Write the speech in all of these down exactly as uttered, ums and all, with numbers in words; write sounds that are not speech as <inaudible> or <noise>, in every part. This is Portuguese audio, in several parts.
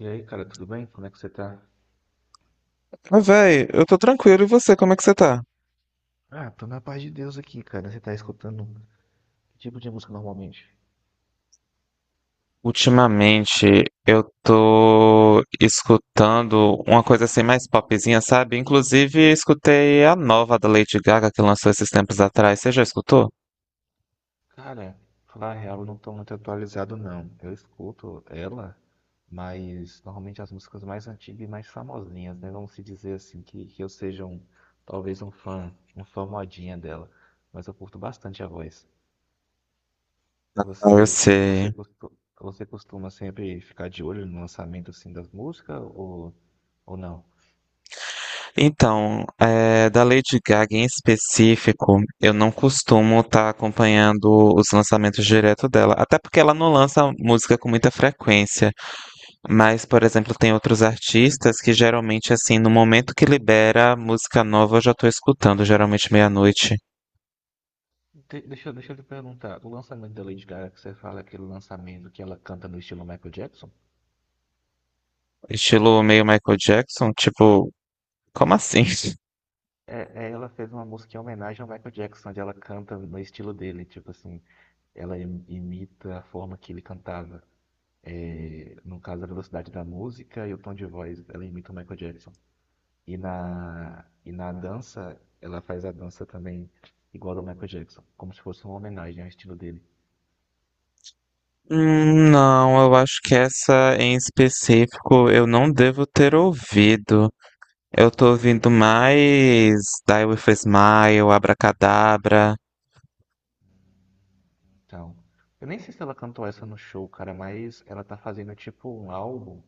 E aí, cara, tudo bem? Como é que você tá? Mas, véi, eu tô tranquilo. E você, como é que você tá? Ah, tô na paz de Deus aqui, cara. Você tá escutando que tipo de música normalmente? Ultimamente eu tô escutando uma coisa assim mais popzinha, sabe? Inclusive escutei a nova da Lady Gaga que lançou esses tempos atrás. Você já escutou? Cara, falar a real, eu não tô muito atualizado, não. Eu escuto ela, mas normalmente as músicas mais antigas e mais famosinhas, né? Vamos se dizer assim, que, que eu seja um, talvez um fã, um fã modinha dela. Mas eu curto bastante a voz. Ah, eu Você, você, você, sei. Costu- você costuma sempre ficar de olho no lançamento, assim, das músicas ou, ou não? Então, é, da Lady Gaga em específico, eu não costumo estar acompanhando os lançamentos direto dela, até porque ela não lança música com muita frequência. Mas, por exemplo, tem outros artistas que geralmente, assim, no momento que libera música nova, eu já tô escutando, geralmente meia-noite. Te- Deixa, eu- deixa eu te perguntar, o lançamento da Lady Gaga, que você fala aquele lançamento que ela canta no estilo Michael Jackson? Estilo meio Michael Jackson, tipo, como assim? <laughs> É, é, ela fez uma música em homenagem ao Michael Jackson, onde ela canta no estilo dele, tipo assim, ela im- imita a forma que ele cantava. É, no caso, a velocidade da música e o tom de voz, ela imita o Michael Jackson. E na, e na dança, ela faz a dança também igual ao Michael Jackson, como se fosse uma homenagem ao estilo dele. Hum, não, eu acho que essa em específico eu não devo ter ouvido. Eu tô ouvindo mais Die With A Smile, Abracadabra. Então, eu nem sei se ela cantou essa no show, cara, mas ela tá fazendo tipo um álbum,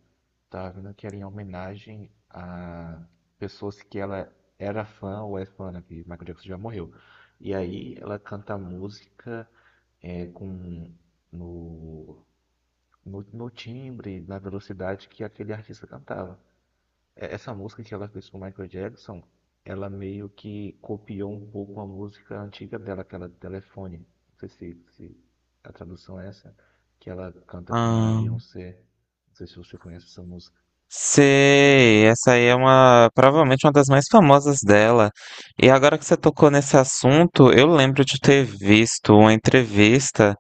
tá vendo que era em homenagem a pessoas que ela era fã ou é fã, né, que Michael Jackson já morreu. E aí ela canta música é, com no, no, no timbre, na velocidade que aquele artista cantava. É, essa música que ela fez com o Michael Jackson, ela meio que copiou um pouco a música antiga dela, aquela do telefone. Não sei se, se a tradução é essa, que ela canta com a Ah, Beyoncé. Não sei se você conhece essa música. sei, essa aí é uma, provavelmente uma das mais famosas dela. E agora que você tocou nesse assunto, eu lembro de ter visto uma entrevista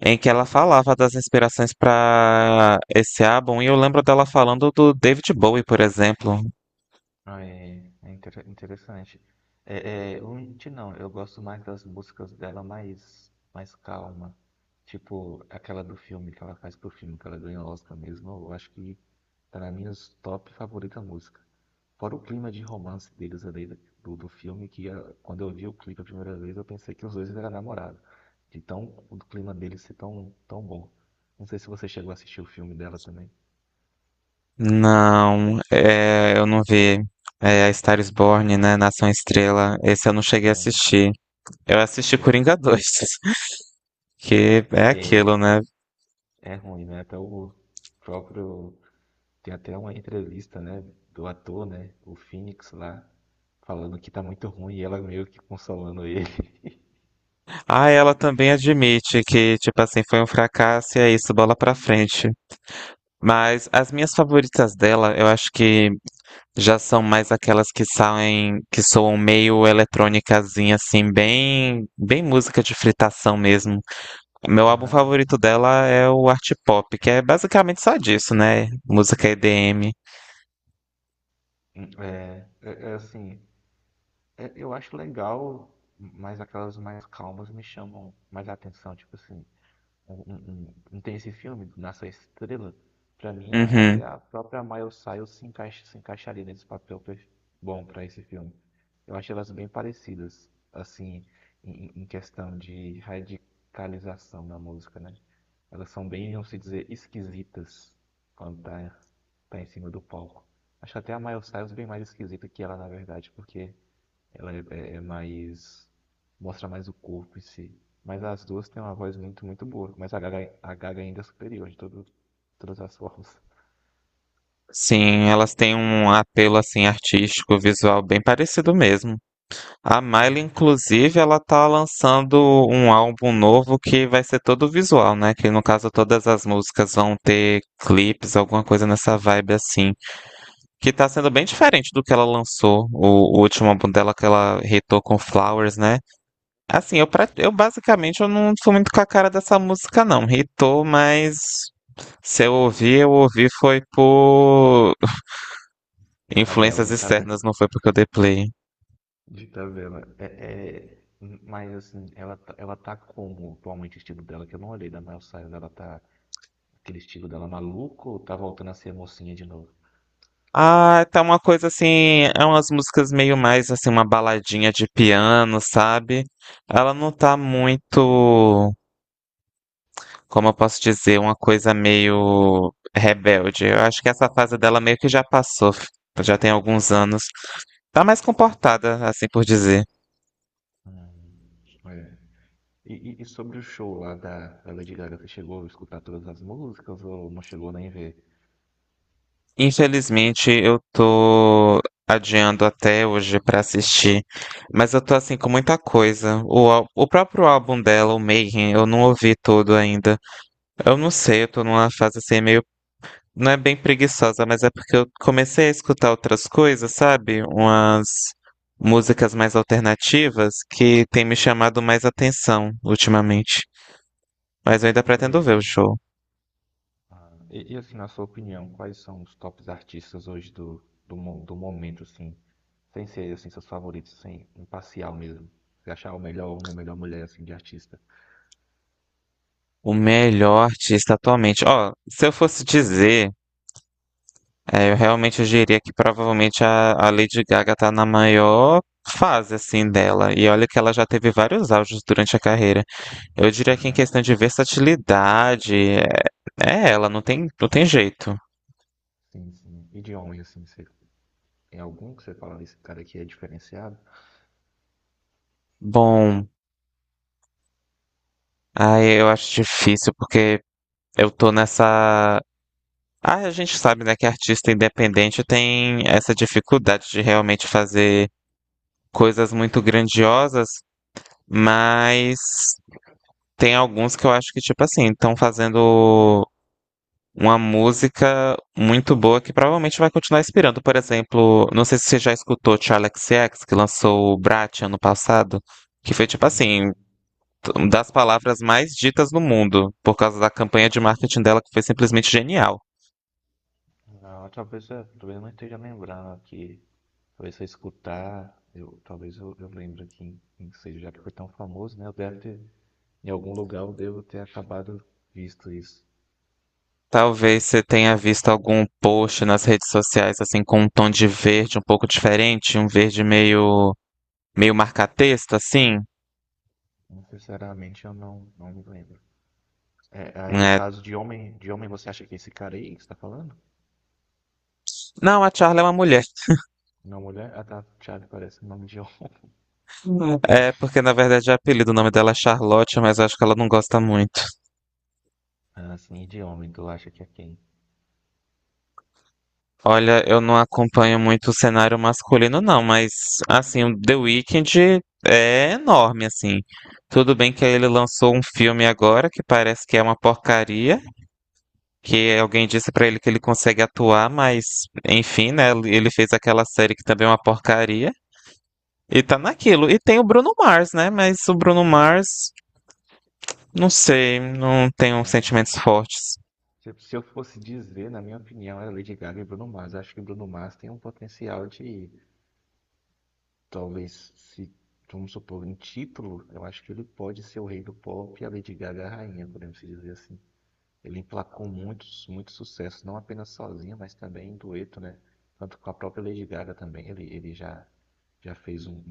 em que ela falava das inspirações para esse álbum, e eu lembro dela falando do David Bowie, por exemplo. Ah, É, é inter- interessante. É, é, eu menti não, eu gosto mais das músicas dela mais, mais calma. Tipo, aquela do filme que ela faz pro filme, que ela ganhou o Oscar mesmo. Eu acho que tá na minha top favorita música. Fora o clima de romance deles ali do, do filme, que ah, quando eu vi o clipe a primeira vez, eu pensei que os dois eram namorados. De tão, o clima deles ser tão, tão bom. Não sei se você chegou a assistir o filme dela também, Não, é, eu não vi. É, a Star is Born, né? Nação Estrela. né? Esse eu não cheguei a É, assistir. Eu assisti é, Coringa dois, <laughs> que é aquilo, é, né? É ruim, né? Até o próprio. Tem até uma entrevista, né? Do ator, né? O Phoenix lá, falando que tá muito ruim e ela meio que consolando ele. <laughs> Ah, ela também admite que, tipo assim, foi um fracasso e é isso, bola pra frente. Mas as minhas favoritas dela, eu acho que já são mais aquelas que saem, que soam meio eletrônicazinha, assim, bem, bem música de fritação mesmo. Meu álbum Aham. favorito dela é o Art Pop, que é basicamente só disso, né? Música E D M. É, é, é assim. É- eu acho legal, mas aquelas mais calmas me chamam mais a atenção. Tipo assim, um não- não- não tem esse filme, Nasce a Estrela. Pra mim, a- até Uhum. a própria Miley Cyrus se encaixa, se encaixaria nesse papel per- bom pra esse filme. Eu acho elas bem parecidas, assim, em, em questão de radicalização na música, né? Elas são bem, vamos se dizer, esquisitas quando tá, tá em cima do palco. Acho até a Miley Cyrus bem mais esquisita que ela, na verdade, porque ela é, é- é mais. Mostra mais o corpo em si. Mas as duas têm uma voz muito, muito boa. Mas a Gaga, a Gaga ainda é superior de todo, todas as formas. Sim, elas têm um apelo, assim, artístico, visual bem parecido mesmo. A É. Miley, inclusive, ela tá lançando um álbum novo que vai ser todo visual, né? Que no caso todas as músicas vão ter clipes, alguma coisa nessa vibe assim. Que tá sendo bem diferente do que ela lançou, o, o último álbum dela que ela hitou com Flowers, né? Assim, eu, pra- eu basicamente eu não fui muito com a cara dessa música, não. Hitou, mas se eu ouvi, eu ouvi foi por Tabela, influências de externas, tabela. não foi porque eu dei play. De tabela. É, é- Mas assim, ela, tá- ela tá como atualmente o estilo dela, que eu não olhei da Miley Cyrus, ela tá. Aquele estilo dela maluco ou tá voltando a ser mocinha de novo? Ah, tá uma coisa assim, é umas músicas meio mais assim, uma baladinha de piano, sabe? Ela não tá muito, como eu posso dizer, uma coisa meio rebelde. Eu acho que essa fase dela meio que já passou, f- já tem alguns anos. Tá mais comportada, assim por dizer. Hum, é. E, e- e sobre o show lá da, da Lady Gaga, você chegou a escutar todas as músicas ou não chegou nem ver? Infelizmente, eu tô adiando até hoje pra assistir, mas eu tô assim com muita coisa. O, ál- o próprio álbum dela, o Mayhem, eu não ouvi todo ainda. Eu não sei, eu tô numa fase assim meio. Não é bem preguiçosa, mas é porque eu comecei a escutar outras coisas, sabe? Umas músicas mais alternativas que tem me chamado mais atenção ultimamente. Mas eu ainda pretendo Porque ver o show. E, e, assim, na sua opinião, quais são os tops artistas hoje do, do, mo- do momento, assim, sem ser assim, seus favoritos, sem imparcial mesmo? Você achar o melhor homem, a melhor mulher, assim, de artista. O melhor artista atualmente. Ó, se eu fosse dizer, é, eu realmente diria que provavelmente a, a Lady Gaga tá na maior fase, assim, dela. E olha que ela já teve vários auges durante a carreira. Eu diria que em Aham. questão de versatilidade, é, é ela, não tem, não tem jeito. Sim, sim. E de homem, assim, você tem algum que você fala, esse cara aqui é diferenciado? Bom, aí eu acho difícil porque eu tô nessa. Ah, a gente sabe, né, que artista independente tem essa dificuldade de realmente fazer coisas muito grandiosas, mas tem alguns que eu acho que, tipo assim, estão fazendo uma música muito boa que provavelmente vai continuar inspirando. Por exemplo, não sei se você já escutou Charli X C X, que lançou o Brat ano passado, que foi tipo assim, Hum, uma das palavras mais ditas no mundo, por causa da campanha de marketing dela, que foi simplesmente genial. não, talvez eu, talvez eu não esteja lembrando aqui. Talvez se eu escutar, eu, talvez eu, eu lembre aqui, não sei, já que foi tão famoso, né? Eu deve ter, em algum lugar eu devo ter acabado visto isso. Talvez você tenha visto algum post nas redes sociais, assim, com um tom de verde um pouco diferente, um verde meio, meio marca-texto, assim. Sinceramente, eu não, não me lembro. É, aí no Né? caso de homem, de homem você acha que é esse cara aí que você tá falando? Não, a Charli é uma mulher. Não, mulher? Ah, tá, Thiago parece o nome de homem. <laughs> É, porque na verdade o apelido, o nome dela é Charlotte, mas eu acho que ela não gosta muito. Ah, sim, de homem, tu acha que é quem? Olha, eu não acompanho muito o cenário masculino, não, mas assim, o The Weeknd é enorme, assim. Tudo bem que ele lançou um filme agora que parece que é uma porcaria, que alguém disse pra ele que ele consegue atuar, mas enfim, né? Ele fez aquela série que também é uma porcaria. E tá naquilo. E tem o Bruno Mars, né? Mas o Bruno Mars, não sei, não tenho É, sentimentos fortes. Se, se eu fosse dizer, na minha opinião, era Lady Gaga e Bruno Mars. Acho que Bruno Mars tem um potencial de, talvez, se, vamos supor, em título, eu acho que ele pode ser o rei do pop e a Lady Gaga a rainha, podemos dizer assim. Ele emplacou muitos, muitos sucessos, não apenas sozinho, mas também em dueto, né? Tanto com a própria Lady Gaga também. Ele, ele já, já fez um-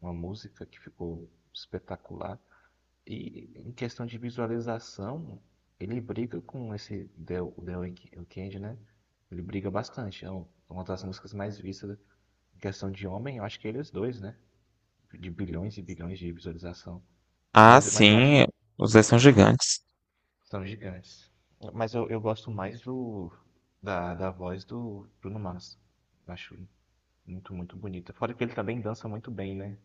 uma música que ficou espetacular. E em questão de visualização, ele briga com esse The, The Week- Weeknd, né? Ele briga bastante. É um- uma das músicas mais vistas em questão de homem, eu acho que eles dois, né? De bilhões e bilhões de visualização. Ah, Mas, mas eu acho sim, os dois são gigantes. são gigantes. Mas eu, eu gosto mais do da, da voz do Bruno Mars. Eu acho muito, muito bonita. Fora que ele também dança muito bem, né?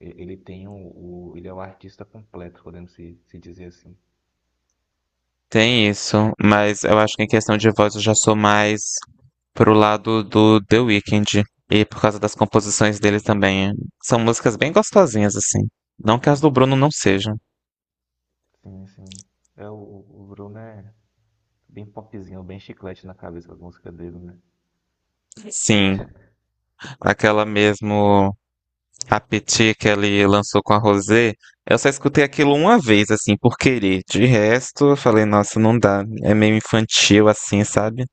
E- Ele tem o, o- ele é o artista completo, podemos se, se dizer assim. Tem isso, mas eu acho que em questão de voz eu já sou mais pro lado do The Weeknd. E por causa das composições dele também. São músicas bem gostosinhas, assim. Não que as É, do Bruno não sejam. sim, sim. É, o, o Bruno é bem popzinho, bem chiclete na cabeça com as músicas dele, né? Sim, aquela mesmo Appetit que ele lançou com a Rosé, eu só escutei aquilo uma vez, assim, por querer. De resto, eu falei, nossa, não dá. É meio infantil, assim, sabe?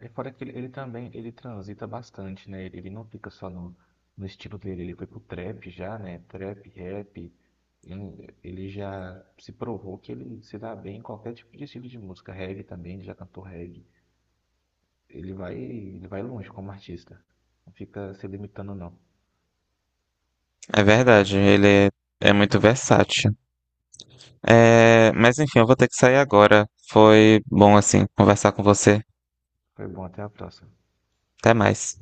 É, é fora que ele, ele também ele transita bastante, né? Ele, ele não fica só no, no estilo dele, ele foi pro trap já, né? Trap, rap. Ele, ele já se provou que ele se dá bem em qualquer tipo de estilo de música. Reggae também, ele já cantou reggae. Ele vai, ele vai longe como artista. Não fica se limitando, não. É verdade, ele é, é muito versátil. É, mas enfim, eu vou ter que sair agora. Foi bom assim conversar com você. Foi bom, até a próxima. Até mais.